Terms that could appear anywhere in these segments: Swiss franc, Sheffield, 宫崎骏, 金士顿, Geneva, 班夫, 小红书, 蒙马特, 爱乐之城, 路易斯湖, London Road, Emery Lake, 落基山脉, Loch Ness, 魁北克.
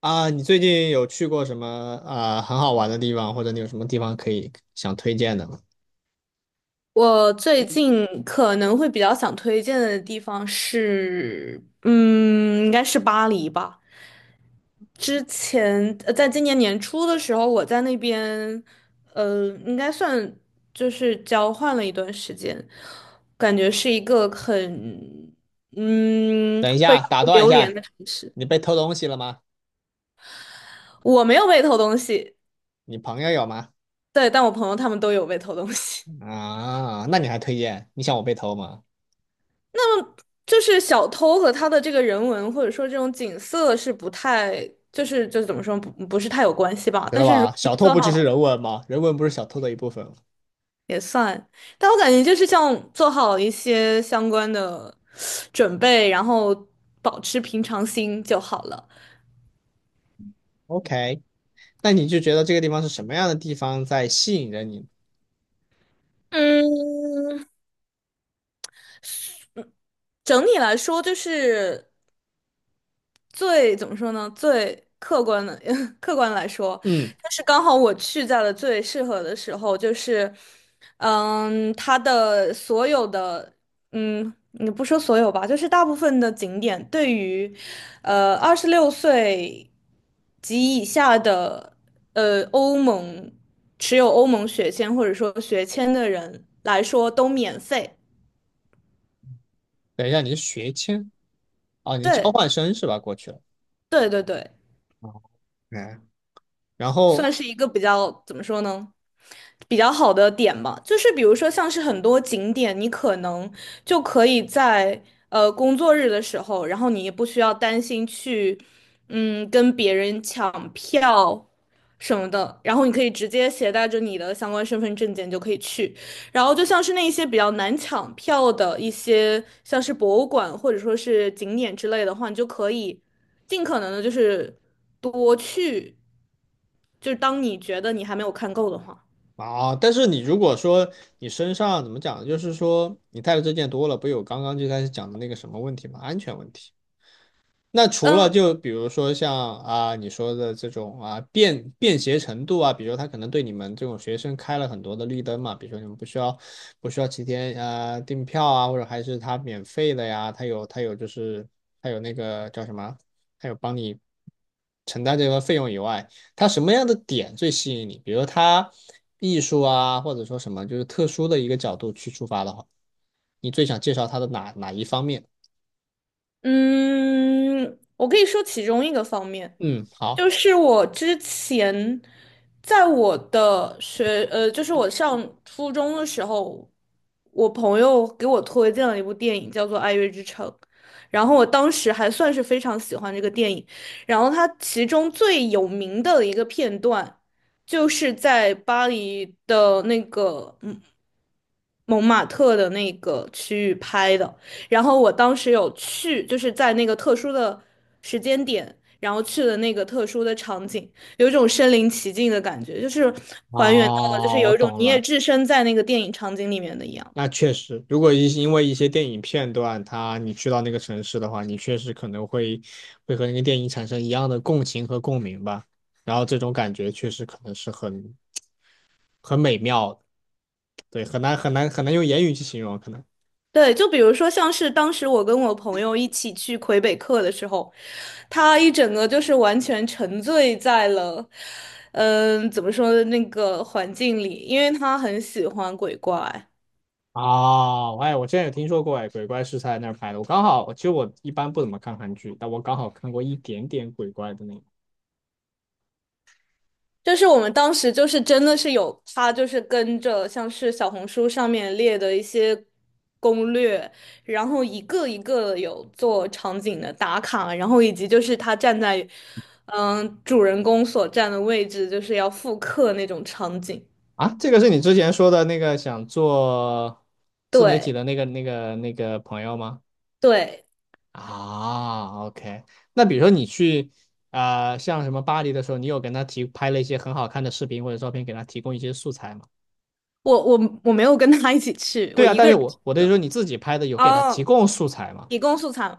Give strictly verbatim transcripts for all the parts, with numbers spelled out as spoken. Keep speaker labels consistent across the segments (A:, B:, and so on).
A: 啊，你最近有去过什么啊很好玩的地方，或者你有什么地方可以想推荐的吗？
B: 我最近可能会比较想推荐的地方是，嗯，应该是巴黎吧。之前，呃，在今年年初的时候，我在那边，呃，应该算就是交换了一段时间，感觉是一个很，嗯，
A: 等一
B: 会
A: 下，
B: 让
A: 打
B: 人
A: 断一
B: 流连
A: 下，
B: 的城市。
A: 你被偷东西了吗？
B: 我没有 被偷东西，
A: 你朋友有吗？
B: 对，但我朋友他们都有被偷东西。
A: 啊，那你还推荐？你想我被偷吗？
B: 那么就是小偷和他的这个人文或者说这种景色是不太，就是就是怎么说不不是太有关系吧。
A: 知道
B: 但是如
A: 吧？
B: 果你
A: 小偷
B: 做
A: 不就是
B: 好
A: 人文吗？人文不是小偷的一部分吗
B: 也算，但我感觉就是像做好一些相关的准备，然后保持平常心就好了。
A: ？OK，那你就觉得这个地方是什么样的地方在吸引着你？
B: 嗯，整体来说就是最怎么说呢？最客观的 客观来说，
A: 嗯，
B: 就是刚好我去在了最适合的时候，就是嗯，它的所有的嗯，你不说所有吧，就是大部分的景点对于呃二十六岁及以下的呃欧盟持有欧盟学签或者说学签的人来说都免费。
A: 等一下，你是学签哦，你是交
B: 对
A: 换生是吧？过去了，
B: 对对对。
A: 嗯，然后
B: 算是一个比较，怎么说呢？比较好的点吧，就是比如说像是很多景点，你可能就可以在呃工作日的时候，然后你也不需要担心去嗯跟别人抢票什么的，然后你可以直接携带着你的相关身份证件就可以去。然后就像是那一些比较难抢票的一些，像是博物馆或者说是景点之类的话，你就可以尽可能的就是多去。就是当你觉得你还没有看够的话，
A: 啊，但是你如果说你身上怎么讲，就是说你带的这件多了，不有刚刚就开始讲的那个什么问题吗？安全问题。那除了
B: 嗯
A: 就比如说像啊你说的这种啊便便携程度啊，比如他可能对你们这种学生开了很多的绿灯嘛，比如说你们不需要不需要提前啊订票啊，或者还是他免费的呀，他有他有就是他有那个叫什么，他有帮你承担这个费用以外，他什么样的点最吸引你？比如他艺术啊，或者说什么就是特殊的一个角度去出发的话，你最想介绍他的哪哪一方面？
B: 嗯，我可以说其中一个方面，
A: 嗯，好。
B: 就是我之前在我的学，呃，就是我上初中的时候，我朋友给我推荐了一部电影，叫做《爱乐之城》，然后我当时还算是非常喜欢这个电影，然后它其中最有名的一个片段，就是在巴黎的那个嗯。蒙马特的那个区域拍的，然后我当时有去，就是在那个特殊的时间点，然后去了那个特殊的场景，有一种身临其境的感觉，就是还原到了，就是
A: 哦，我
B: 有一种
A: 懂
B: 你也
A: 了。
B: 置身在那个电影场景里面的一样。
A: 那确实，如果一因为一些电影片段，它你去到那个城市的话，你确实可能会会和那个电影产生一样的共情和共鸣吧。然后这种感觉确实可能是很很美妙的，对，很难很难很难用言语去形容，可能。
B: 对，就比如说像是当时我跟我朋友一起去魁北克的时候，他一整个就是完全沉醉在了，嗯、怎么说的那个环境里，因为他很喜欢鬼怪。
A: 哦，哎，我之前有听说过，哎，鬼怪是在那儿拍的。我刚好，其实我一般不怎么看韩剧，但我刚好看过一点点鬼怪的那个。
B: 就是我们当时就是真的是有他，就是跟着像是小红书上面列的一些攻略，然后一个一个有做场景的打卡，然后以及就是他站在嗯主人公所站的位置，就是要复刻那种场景。
A: 啊，这个是你之前说的那个想做自媒体
B: 对
A: 的那个那个那个朋友吗？
B: 对，
A: 啊，OK。那比如说你去啊、呃像什么巴黎的时候，你有跟他提拍了一些很好看的视频或者照片，给他提供一些素材吗？
B: 我我我没有跟他一起去，
A: 对
B: 我
A: 啊，
B: 一个
A: 但是
B: 人去
A: 我我的意思说
B: 的。
A: 你自己拍的有给他提
B: 哦
A: 供素材吗？
B: 提供素材嘛，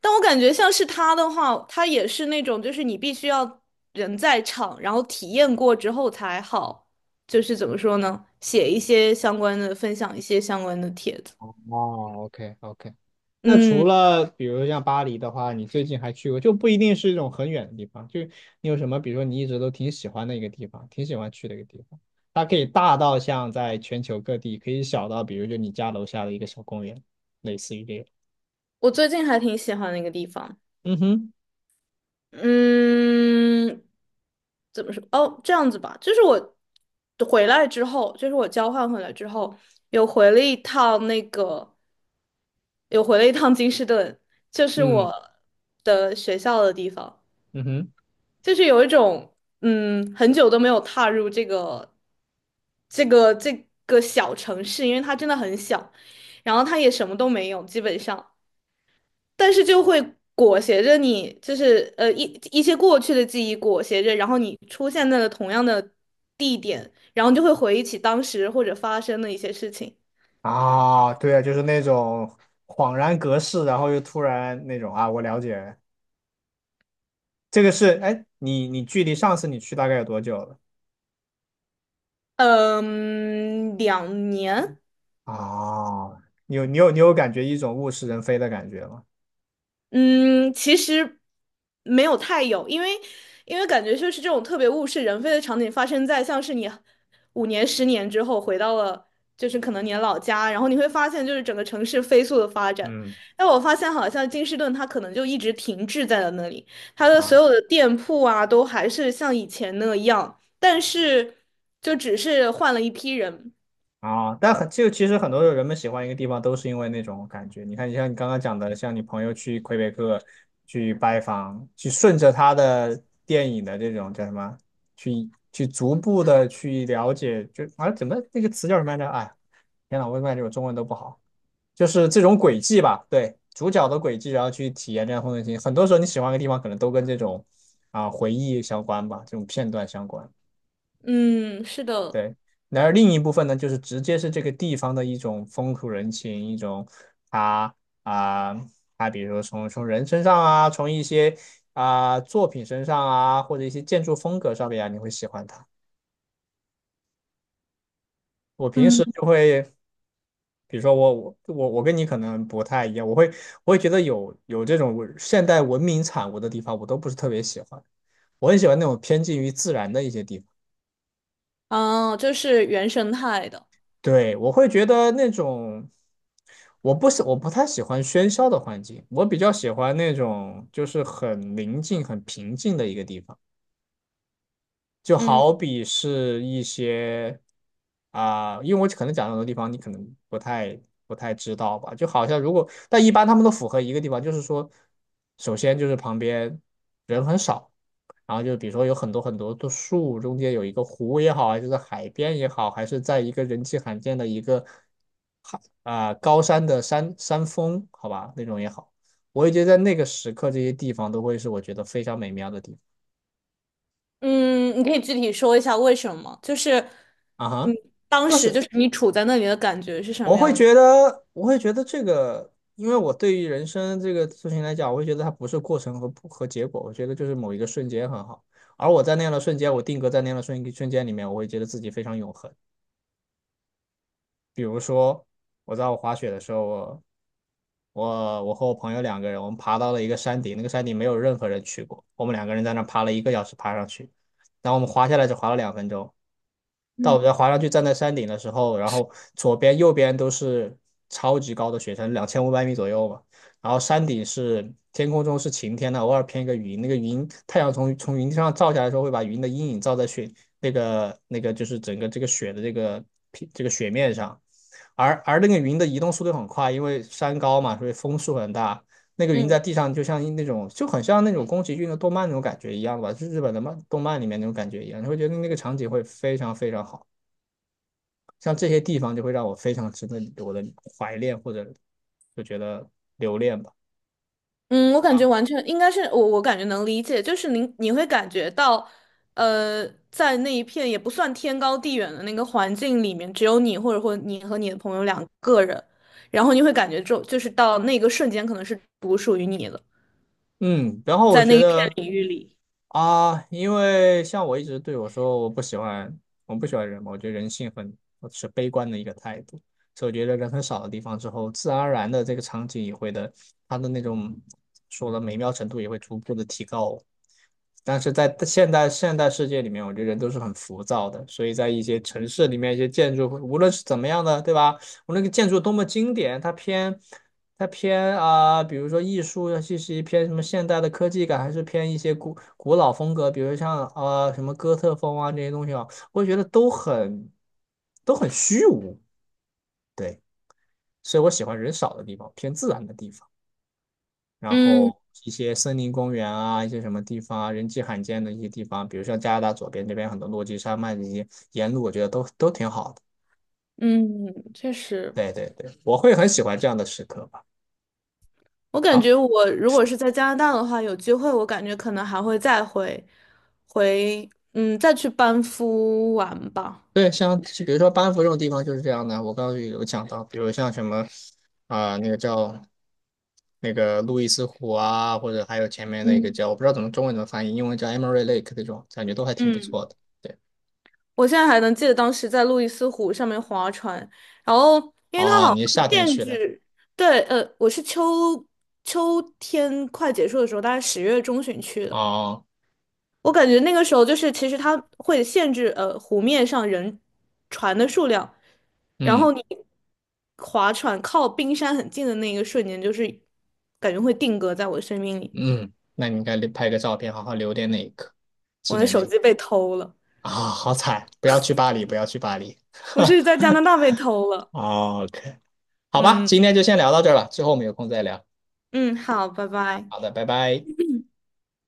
B: 但我感觉像是他的话，他也是那种，就是你必须要人在场，然后体验过之后才好，就是怎么说呢，写一些相关的，分享一些相关的帖子。
A: 哦，OK，OK。那除
B: 嗯，
A: 了比如像巴黎的话，你最近还去过，就不一定是一种很远的地方，就你有什么，比如说你一直都挺喜欢的一个地方，挺喜欢去的一个地方，它可以大到像在全球各地，可以小到比如就你家楼下的一个小公园，类似于这个。
B: 我最近还挺喜欢那个地方，
A: 嗯哼，
B: 嗯，怎么说？哦，这样子吧，就是我回来之后，就是我交换回来之后，有回了一趟那个，有回了一趟金士顿，就是
A: 嗯
B: 我的学校的地方。
A: 嗯哼，
B: 就是有一种嗯，很久都没有踏入这个这个这个小城市，因为它真的很小，然后它也什么都没有，基本上，但是就会裹挟着你，就是呃一一些过去的记忆裹挟着，然后你出现在了同样的地点，然后就会回忆起当时或者发生的一些事情。
A: 啊，对啊，就是那种恍然隔世，然后又突然那种啊，我了解，这个是，哎，你你距离上次你去大概有多久了？
B: 嗯，两年。
A: 啊，你有你有你有感觉一种物是人非的感觉吗？
B: 嗯，其实没有太有，因为因为感觉就是这种特别物是人非的场景发生在像是你五年、十年之后回到了就是可能你的老家，然后你会发现就是整个城市飞速的发展。
A: 嗯
B: 但我发现好像金士顿它可能就一直停滞在了那里，它的所
A: 啊
B: 有的店铺啊都还是像以前那样，但是就只是换了一批人。
A: 啊，但很就其实很多人们喜欢一个地方都是因为那种感觉。你看，像你刚刚讲的，像你朋友去魁北克去拜访，去顺着他的电影的这种叫什么，去去逐步的去了解，就啊怎么那个词叫什么来着？哎，天呐，我感觉我中文都不好，就是这种轨迹吧，对，主角的轨迹，然后去体验这样的风景。很多时候你喜欢一个地方，可能都跟这种啊回忆相关吧，这种片段相关。
B: 嗯，是的。
A: 对，然而另一部分呢，就是直接是这个地方的一种风土人情，一种他啊，他比如说从从人身上啊，从一些啊作品身上啊，或者一些建筑风格上面啊，你会喜欢它。我平时
B: 嗯。
A: 就会，比如说我我我我跟你可能不太一样，我会我会觉得有有这种文现代文明产物的地方，我都不是特别喜欢。我很喜欢那种偏近于自然的一些地方。
B: 哦，就是原生态的。
A: 对，我会觉得那种，我不喜，我不太喜欢喧嚣的环境，我比较喜欢那种就是很宁静、很平静的一个地方。就
B: 嗯。
A: 好比是一些啊、因为我可能讲的很多地方你可能不太不太知道吧，就好像如果，但一般他们都符合一个地方，就是说，首先就是旁边人很少。然后就比如说有很多很多的树，中间有一个湖也好，还是在海边也好，还是在一个人迹罕见的一个啊，高山的山山峰，好吧，那种也好。我也觉得在那个时刻，这些地方都会是我觉得非常美妙的地
B: 嗯，你可以具体说一下为什么？就是，
A: 方啊
B: 嗯，
A: 哈。
B: 当
A: 就
B: 时就
A: 是
B: 是你处在那里的感觉是什
A: 我
B: 么
A: 会
B: 样的？
A: 觉得，我会觉得这个，因为我对于人生这个事情来讲，我会觉得它不是过程和和结果，我觉得就是某一个瞬间很好。而我在那样的瞬间，我定格在那样的瞬瞬间里面，我会觉得自己非常永恒。比如说，我在我滑雪的时候，我我我和我朋友两个人，我们爬到了一个山顶，那个山顶没有任何人去过，我们两个人在那爬了一个小时爬上去，然后我们滑下来只滑了两分钟，到我
B: 嗯
A: 家滑上去站在山顶的时候，然后左边右边都是超级高的雪山，两千五百米左右嘛。然后山顶是天空中是晴天的，偶尔偏一个云，那个云太阳从从云上照下来的时候，会把云的阴影照在雪那个那个就是整个这个雪的这个平这个雪面上。而而那个云的移动速度很快，因为山高嘛，所以风速很大。那个云
B: 嗯
A: 在地上，就像那种就很像那种宫崎骏的动漫那种感觉一样吧，就是日本的漫动漫里面那种感觉一样，你会觉得那个场景会非常非常好，像这些地方就会让我非常值得我的怀恋或者就觉得留恋吧。
B: 嗯，我感觉
A: 啊，
B: 完全应该是我，我感觉能理解，就是你你会感觉到，呃，在那一片也不算天高地远的那个环境里面，只有你或者或你和你的朋友两个人，然后你会感觉就就是到那个瞬间可能是独属于你的，
A: 嗯，然后我
B: 在
A: 觉
B: 那一片
A: 得
B: 领域里。
A: 啊，因为像我一直对我说，我不喜欢，我不喜欢人嘛，我觉得人性很我是悲观的一个态度，所以我觉得人很少的地方之后，自然而然的这个场景也会的，它的那种说的美妙程度也会逐步的提高。但是在现代现代世界里面，我觉得人都是很浮躁的，所以在一些城市里面，一些建筑，无论是怎么样的，对吧？我那个建筑多么经典，它偏它偏啊、比如说艺术，尤其是偏什么现代的科技感，还是偏一些古古老风格，比如像啊什么哥特风啊这些东西啊，我觉得都很都很虚无。对，所以我喜欢人少的地方，偏自然的地方，然
B: 嗯。
A: 后一些森林公园啊，一些什么地方啊，人迹罕见的一些地方，比如像加拿大左边这边很多落基山脉这些沿路，我觉得都都挺好的。
B: 嗯，确实。
A: 对对对，我会很喜欢这样的时刻吧。
B: 我感
A: 好。
B: 觉我如果是在加拿大的话，有机会我感觉可能还会再回回，嗯，再去班夫玩吧。
A: 对，像就比如说班夫这种地方就是这样的。我刚刚有讲到，比如像什么啊、那个叫那个路易斯湖啊，或者还有前面那个
B: 嗯。
A: 叫我不知道怎么中文怎么翻译，英文叫 Emery Lake 这种，感觉都还挺不
B: 嗯，
A: 错的。对，
B: 我现在还能记得当时在路易斯湖上面划船，然后因为它
A: 哦，
B: 好
A: 你是
B: 像
A: 夏天
B: 限
A: 去的，
B: 制，对，呃，我是秋秋天快结束的时候，大概十月中旬去的。
A: 哦，
B: 我感觉那个时候就是，其实它会限制呃湖面上人船的数量，然
A: 嗯
B: 后你划船靠冰山很近的那一个瞬间，就是感觉会定格在我的生命里。
A: 嗯，那你应该拍个照片，好好留点那一刻，纪
B: 我的
A: 念那
B: 手
A: 一刻
B: 机被偷了，
A: 啊、好惨，不要去巴黎，不要去巴黎。
B: 我是在加拿 大被偷了。
A: OK，好吧，
B: 嗯。
A: 今天就先聊到这儿了，之后我们有空再聊。
B: 嗯，好，拜拜。
A: 好的，拜拜。